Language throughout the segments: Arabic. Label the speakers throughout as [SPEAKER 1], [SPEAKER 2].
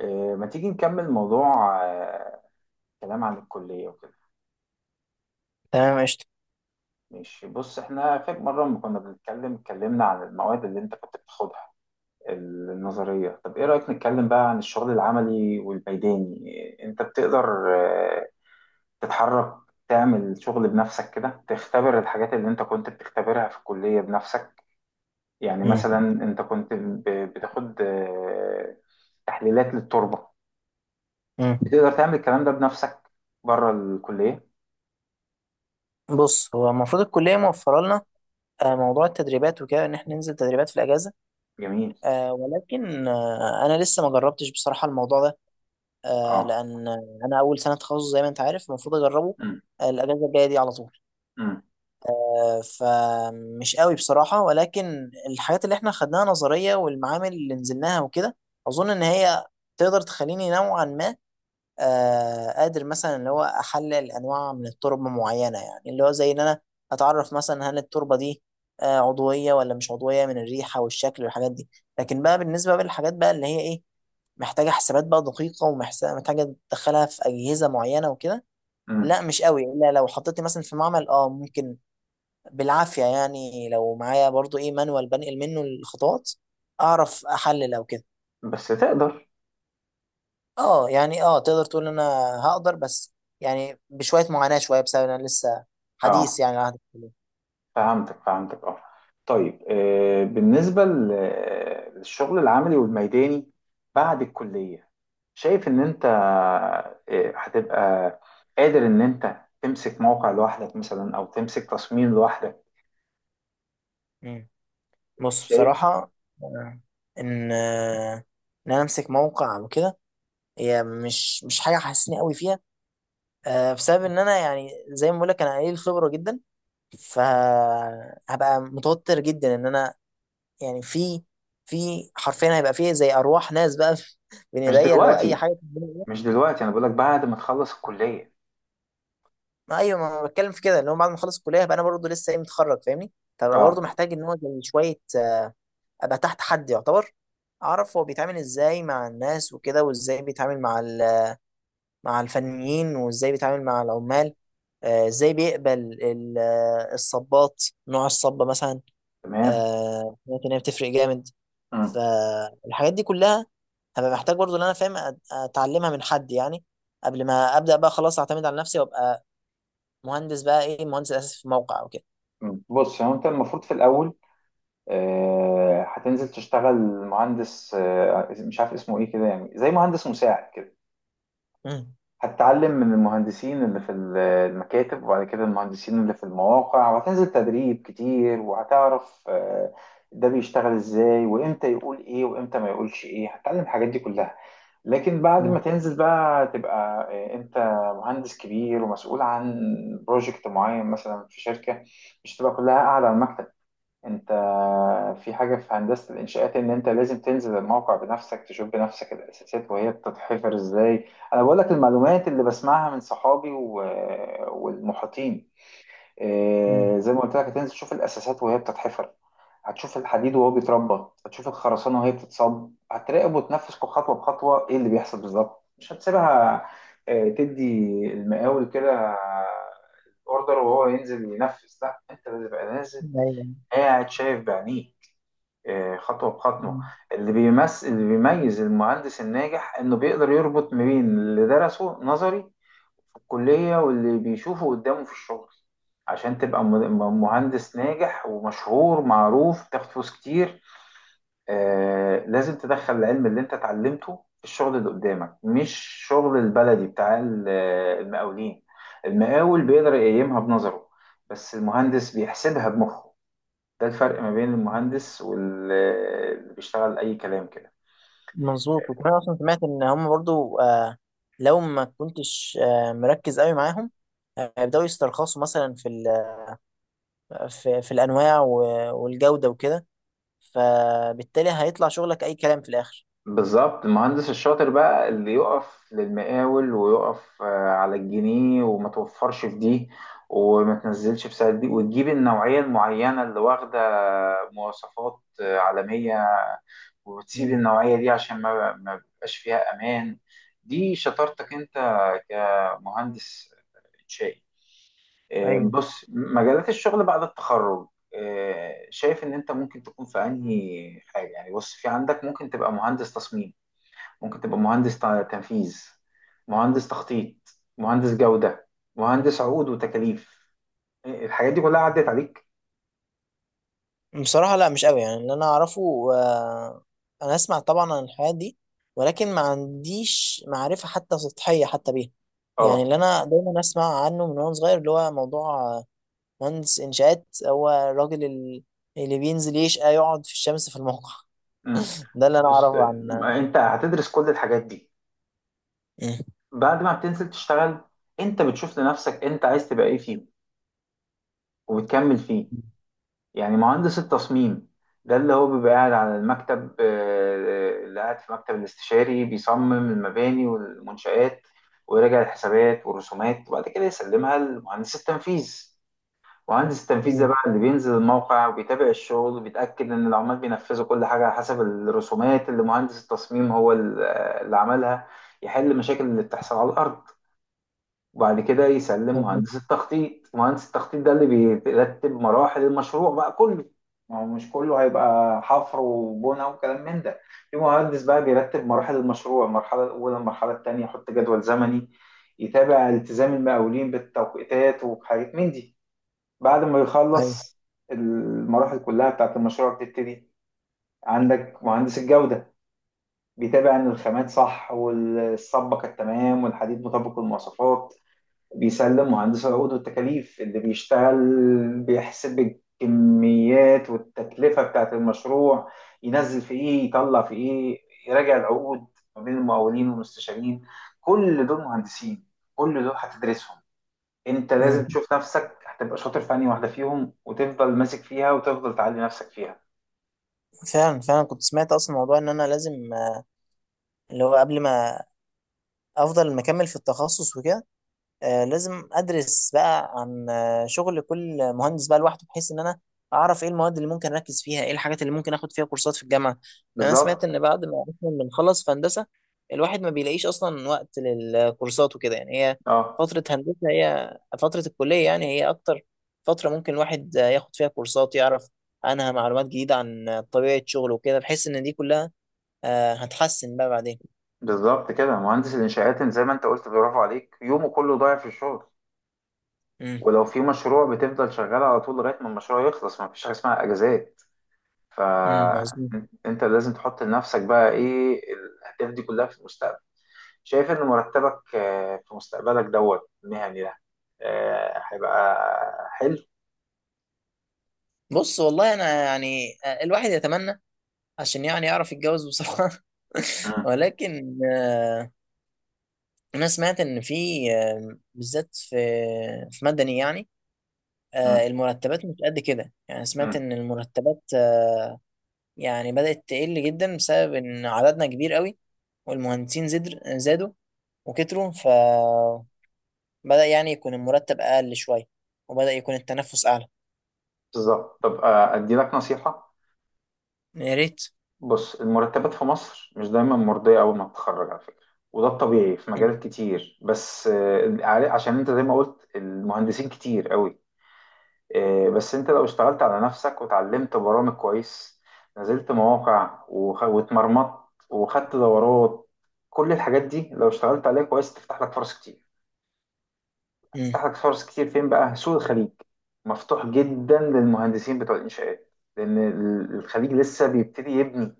[SPEAKER 1] ما تيجي نكمل موضوع كلام عن الكلية وكده.
[SPEAKER 2] تمام قشطة.
[SPEAKER 1] ماشي، بص، احنا فاكر مرة لما كنا اتكلمنا عن المواد اللي انت كنت بتاخدها النظرية. طب ايه رأيك نتكلم بقى عن الشغل العملي والميداني؟ انت بتقدر تتحرك، تعمل شغل بنفسك كده، تختبر الحاجات اللي انت كنت بتختبرها في الكلية بنفسك؟ يعني
[SPEAKER 2] مم.
[SPEAKER 1] مثلا، انت كنت بتاخد تحليلات للتربة،
[SPEAKER 2] مم.
[SPEAKER 1] بتقدر تعمل الكلام ده بنفسك بره الكلية؟
[SPEAKER 2] بص، هو المفروض الكلية موفرة لنا موضوع التدريبات وكده، إن إحنا ننزل تدريبات في الأجازة.
[SPEAKER 1] جميل.
[SPEAKER 2] ولكن أنا لسه ما جربتش بصراحة الموضوع ده،
[SPEAKER 1] اه.
[SPEAKER 2] لأن أنا أول سنة تخصص زي ما أنت عارف المفروض أجربه
[SPEAKER 1] امم
[SPEAKER 2] الأجازة الجاية دي على طول.
[SPEAKER 1] امم
[SPEAKER 2] فمش قوي بصراحة، ولكن الحاجات اللي إحنا خدناها نظرية والمعامل اللي نزلناها وكده، أظن إن هي تقدر تخليني نوعا ما قادر، مثلا اللي هو احلل انواع من التربه معينه، يعني اللي هو زي ان انا اتعرف مثلا هل التربه دي عضويه ولا مش عضويه، من الريحه والشكل والحاجات دي. لكن بقى بالنسبه بقى للحاجات بقى اللي هي ايه، محتاجه حسابات بقى دقيقه، ومحتاجه تدخلها في اجهزه معينه وكده،
[SPEAKER 1] امم
[SPEAKER 2] لا مش قوي، الا لو حطيتني مثلا في معمل ممكن بالعافيه، يعني لو معايا برضو ايه مانوال بنقل منه الخطوات اعرف احلل او كده.
[SPEAKER 1] بس تقدر.
[SPEAKER 2] اه يعني تقدر تقول ان انا هقدر، بس يعني بشويه معاناه شويه، بسبب ان انا لسه
[SPEAKER 1] اه،
[SPEAKER 2] حديث يعني على عهد الكليه.
[SPEAKER 1] فهمتك فهمتك، اه. طيب، بالنسبة للشغل العملي والميداني بعد الكلية، شايف ان انت هتبقى قادر ان انت تمسك موقع لوحدك مثلا او تمسك تصميم لوحدك؟
[SPEAKER 2] مم. بص
[SPEAKER 1] شايف؟
[SPEAKER 2] بصراحه، آه، ان آه، ان انا امسك موقع وكده، هي مش حاجه حاسسني قوي فيها، بسبب ان انا يعني زي ما بقول لك انا قليل الخبره جدا، فهبقى متوتر جدا، ان انا يعني في حرفيا هيبقى فيه زي ارواح ناس بقى بين
[SPEAKER 1] مش
[SPEAKER 2] ايديا اللي هو اي
[SPEAKER 1] دلوقتي،
[SPEAKER 2] حاجه.
[SPEAKER 1] مش دلوقتي انا بقولك بعد ما تخلص الكلية.
[SPEAKER 2] ما ايوه، ما انا بتكلم في كده، ان هو بعد ما اخلص الكليه هبقى انا برضه لسه ايه متخرج، فاهمني؟ فبقى برضه
[SPEAKER 1] اه،
[SPEAKER 2] محتاج ان هو زي شويه، ابقى تحت حد يعتبر، اعرف هو بيتعامل ازاي مع الناس وكده، وازاي بيتعامل مع مع الفنيين، وازاي بيتعامل مع العمال، ازاي بيقبل الصبات، نوع الصبه مثلا
[SPEAKER 1] تمام.
[SPEAKER 2] ممكن هي بتفرق جامد.
[SPEAKER 1] امم
[SPEAKER 2] فالحاجات دي كلها هبقى محتاج برضه ان انا فاهم اتعلمها من حد يعني قبل ما ابدا بقى خلاص اعتمد على نفسي، وابقى مهندس بقى ايه مهندس اساسي في موقع وكده.
[SPEAKER 1] بص، هو انت المفروض في الاول هتنزل تشتغل مهندس، مش عارف اسمه ايه كده، يعني زي مهندس مساعد كده.
[SPEAKER 2] مم.
[SPEAKER 1] هتتعلم من المهندسين اللي في المكاتب، وبعد كده المهندسين اللي في المواقع، وهتنزل تدريب كتير، وهتعرف ده بيشتغل ازاي، وامتى يقول ايه وامتى ما يقولش ايه. هتتعلم الحاجات دي كلها. لكن بعد
[SPEAKER 2] مم.
[SPEAKER 1] ما تنزل بقى تبقى انت مهندس كبير ومسؤول عن بروجكت معين مثلا في شركة، مش تبقى كلها قاعدة على المكتب. انت، في حاجة في هندسة الإنشاءات إن أنت لازم تنزل الموقع بنفسك، تشوف بنفسك الأساسات وهي بتتحفر إزاي. أنا بقول لك المعلومات اللي بسمعها من صحابي والمحيطين.
[SPEAKER 2] مم.
[SPEAKER 1] إيه، زي ما قلت لك، هتنزل تشوف الأساسات وهي بتتحفر، هتشوف الحديد وهو بيتربى، هتشوف الخرسانة وهي بتتصب، هتراقب وتنفذ كل خطوة بخطوة إيه اللي بيحصل بالظبط، مش هتسيبها. إيه، تدي المقاول كده اوردر وهو ينزل ينفذ؟ لا، انت لازم تبقى نازل
[SPEAKER 2] أيوة.
[SPEAKER 1] قاعد شايف بعينيه خطوة بخطوة.
[SPEAKER 2] مم.
[SPEAKER 1] اللي بيميز المهندس الناجح إنه بيقدر يربط ما بين اللي درسه نظري في الكلية واللي بيشوفه قدامه في الشغل. عشان تبقى مهندس ناجح ومشهور معروف، تاخد فلوس كتير، لازم تدخل العلم اللي انت اتعلمته في الشغل اللي قدامك، مش شغل البلدي بتاع المقاولين. المقاول بيقدر يقيمها بنظره، بس المهندس بيحسبها بمخه. ده الفرق ما بين المهندس واللي بيشتغل أي كلام كده.
[SPEAKER 2] مظبوط. وكمان اصلا سمعت ان هم برضو لو ما كنتش مركز قوي معاهم، هيبداوا يسترخصوا مثلا في الانواع والجوده وكده، فبالتالي هيطلع شغلك اي كلام في الاخر.
[SPEAKER 1] بالظبط، المهندس الشاطر بقى اللي يقف للمقاول ويقف على الجنيه، وما توفرش في دي، وما تنزلش في سعر دي، وتجيب النوعية المعينة اللي واخدة مواصفات عالمية، وتسيب
[SPEAKER 2] مم.
[SPEAKER 1] النوعية دي عشان ما بيبقاش فيها أمان. دي شطارتك أنت كمهندس إنشائي.
[SPEAKER 2] أيوة.
[SPEAKER 1] بص، مجالات الشغل بعد التخرج، شايف ان انت ممكن تكون في انهي حاجه؟ يعني بص، في عندك، ممكن تبقى مهندس تصميم، ممكن تبقى مهندس تنفيذ، مهندس تخطيط، مهندس جوده، مهندس عقود وتكاليف. الحاجات دي كلها عدت عليك؟
[SPEAKER 2] بصراحة لا مش قوي. يعني اللي أنا أعرفه، أنا أسمع طبعا عن الحياة دي، ولكن ما عنديش معرفة حتى سطحية حتى بيها. يعني
[SPEAKER 1] اه.
[SPEAKER 2] اللي أنا دايما أسمع عنه من وأنا صغير اللي هو موضوع مهندس إنشاءات هو الراجل اللي بينزل يشقى يقعد في الشمس في الموقع.
[SPEAKER 1] مم.
[SPEAKER 2] ده اللي أنا
[SPEAKER 1] بص،
[SPEAKER 2] أعرفه عن.
[SPEAKER 1] ما انت هتدرس كل الحاجات دي
[SPEAKER 2] مم.
[SPEAKER 1] بعد ما بتنزل تشتغل، انت بتشوف لنفسك انت عايز تبقى ايه فيه وبتكمل فيه. يعني مهندس التصميم ده اللي هو بيبقى قاعد على المكتب، اللي قاعد في مكتب الاستشاري بيصمم المباني والمنشآت، ويراجع الحسابات والرسومات، وبعد كده يسلمها لمهندس التنفيذ. مهندس التنفيذ ده
[SPEAKER 2] مم.
[SPEAKER 1] بقى اللي بينزل الموقع وبيتابع الشغل، وبيتأكد إن العمال بينفذوا كل حاجة على حسب الرسومات اللي مهندس التصميم هو اللي عملها. يحل المشاكل اللي بتحصل على الأرض، وبعد كده يسلم
[SPEAKER 2] مم.
[SPEAKER 1] مهندس التخطيط. مهندس التخطيط ده اللي بيرتب مراحل المشروع بقى كله. ما هو مش كله هيبقى حفر وبنى وكلام من ده، في مهندس بقى بيرتب مراحل المشروع، المرحلة الأولى، المرحلة التانية، يحط جدول زمني، يتابع التزام المقاولين بالتوقيتات وحاجات من دي. بعد ما
[SPEAKER 2] أيوه.
[SPEAKER 1] يخلص المراحل كلها بتاعت المشروع بتبتدي عندك مهندس الجودة، بيتابع إن الخامات صح والصبة كانت تمام والحديد مطابق للمواصفات. بيسلم مهندس العقود والتكاليف اللي بيشتغل، بيحسب الكميات والتكلفة بتاعت المشروع، ينزل في إيه يطلع في إيه، يراجع العقود ما بين المقاولين والمستشارين. كل دول مهندسين، كل دول هتدرسهم. أنت لازم
[SPEAKER 2] مم.
[SPEAKER 1] تشوف نفسك هتبقى شاطر في أنهي واحدة فيهم، وتفضل ماسك فيها وتفضل تعلي نفسك فيها.
[SPEAKER 2] فعلا فعلا كنت سمعت أصلا موضوع إن أنا لازم، اللي هو قبل ما أفضل مكمل في التخصص وكده، لازم ادرس بقى عن شغل كل مهندس بقى لوحده، بحيث ان انا اعرف ايه المواد اللي ممكن اركز فيها، ايه الحاجات اللي ممكن اخد فيها كورسات في الجامعه. يعني انا سمعت
[SPEAKER 1] بالظبط.
[SPEAKER 2] ان بعد ما اصلا بنخلص في هندسه، الواحد ما بيلاقيش اصلا وقت للكورسات وكده، يعني هي
[SPEAKER 1] اه.
[SPEAKER 2] فتره هندسه هي فتره الكليه، يعني هي اكتر فتره ممكن الواحد ياخد فيها كورسات، يعرف عنها معلومات جديده عن طبيعه شغله وكده، بحيث ان دي كلها هتحسن بقى بعدين.
[SPEAKER 1] بالظبط كده، مهندس الإنشاءات زي ما أنت قلت، برافو عليك، يومه كله ضايع في الشغل.
[SPEAKER 2] امم.
[SPEAKER 1] ولو في مشروع، بتفضل شغال على طول لغاية ما المشروع يخلص، ما فيش حاجة اسمها أجازات.
[SPEAKER 2] امم. مظبوط.
[SPEAKER 1] فأنت لازم تحط لنفسك بقى إيه الأهداف دي كلها في المستقبل. شايف إن مرتبك في مستقبلك دوت المهني ده هيبقى حلو؟
[SPEAKER 2] بص والله انا يعني الواحد يتمنى، عشان يعني يعرف يتجوز بسرعة
[SPEAKER 1] مم،
[SPEAKER 2] ولكن أنا سمعت إن في بالذات في مدني، يعني
[SPEAKER 1] مم،
[SPEAKER 2] المرتبات مش قد كده. يعني سمعت
[SPEAKER 1] مم.
[SPEAKER 2] إن المرتبات يعني بدأت تقل جدا بسبب إن عددنا كبير قوي، والمهندسين زادوا وكتروا، فبدأ يعني يكون المرتب أقل شوية، وبدأ يكون التنفس أعلى.
[SPEAKER 1] بالظبط. طب أدي لك نصيحة.
[SPEAKER 2] يا ريت.
[SPEAKER 1] بص، المرتبات في مصر مش دايما مرضية أول ما تتخرج، على فكرة، وده الطبيعي في
[SPEAKER 2] مم.
[SPEAKER 1] مجالات كتير، بس عشان انت زي ما قلت المهندسين كتير قوي. إيه، بس انت لو اشتغلت على نفسك، وتعلمت برامج كويس، نزلت مواقع واتمرمطت، وخدت دورات، كل الحاجات دي لو اشتغلت عليها كويس تفتح لك فرص كتير.
[SPEAKER 2] مم.
[SPEAKER 1] تفتح لك فرص كتير فين بقى؟ سوق الخليج مفتوح جدا للمهندسين بتوع الانشاءات، لان الخليج لسه بيبتدي يبني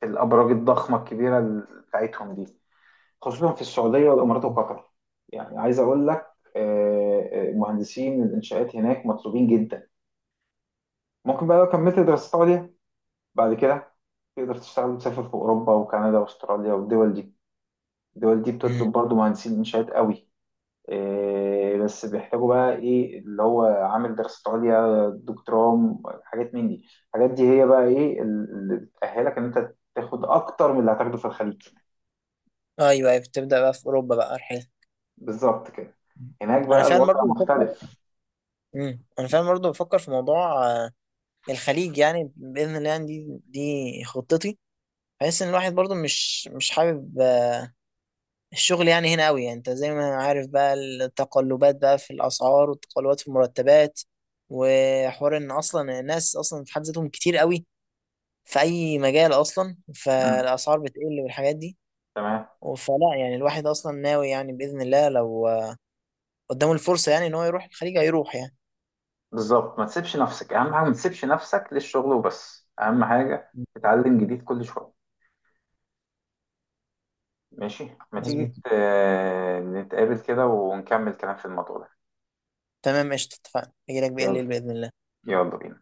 [SPEAKER 1] في الابراج الضخمه الكبيره بتاعتهم دي، خصوصا في السعوديه والامارات وقطر. يعني عايز اقول لك مهندسين الانشاءات هناك مطلوبين جدا. ممكن بقى لو كملت دراسات عليا بعد كده تقدر تشتغل وتسافر في أوروبا وكندا وأستراليا والدول دي. الدول دي
[SPEAKER 2] مم.
[SPEAKER 1] بتطلب برضو مهندسين إنشاءات قوي. إيه، بس بيحتاجوا بقى إيه اللي هو عامل دراسة عليا، دكتوراه، حاجات من دي. الحاجات دي هي بقى إيه اللي بتأهلك إن أنت تاخد أكتر من اللي هتاخده في الخليج.
[SPEAKER 2] أيوه، أيوه، بتبدأ بقى في أوروبا بقى رحلة.
[SPEAKER 1] بالظبط كده. هناك
[SPEAKER 2] أنا
[SPEAKER 1] بقى
[SPEAKER 2] فعلا
[SPEAKER 1] الوضع
[SPEAKER 2] برضه.
[SPEAKER 1] مختلف.
[SPEAKER 2] انا فعلا برضه بفكر في موضوع الخليج، يعني باذن الله، يعني دي خطتي، بحيث ان الواحد برضه مش حابب الشغل يعني هنا قوي. يعني انت زي ما عارف بقى التقلبات بقى في الاسعار والتقلبات في المرتبات، وحوار ان اصلا الناس اصلا في حد ذاتهم كتير قوي في اي مجال اصلا،
[SPEAKER 1] مم.
[SPEAKER 2] فالاسعار بتقل والحاجات دي.
[SPEAKER 1] تمام.
[SPEAKER 2] فلا يعني الواحد اصلا ناوي يعني باذن الله لو قدامه الفرصه يعني ان هو يروح الخليج هيروح يعني.
[SPEAKER 1] بالظبط، ما تسيبش نفسك، أهم حاجة ما تسيبش نفسك للشغل وبس، أهم حاجة تتعلم جديد كل شوية. ماشي، ما تيجي
[SPEAKER 2] مظبوط.
[SPEAKER 1] نتقابل كده ونكمل كلام في الموضوع ده.
[SPEAKER 2] تمام قشطه، اتفقنا، هجيلك بالليل
[SPEAKER 1] يلا،
[SPEAKER 2] باذن الله.
[SPEAKER 1] يلا بينا.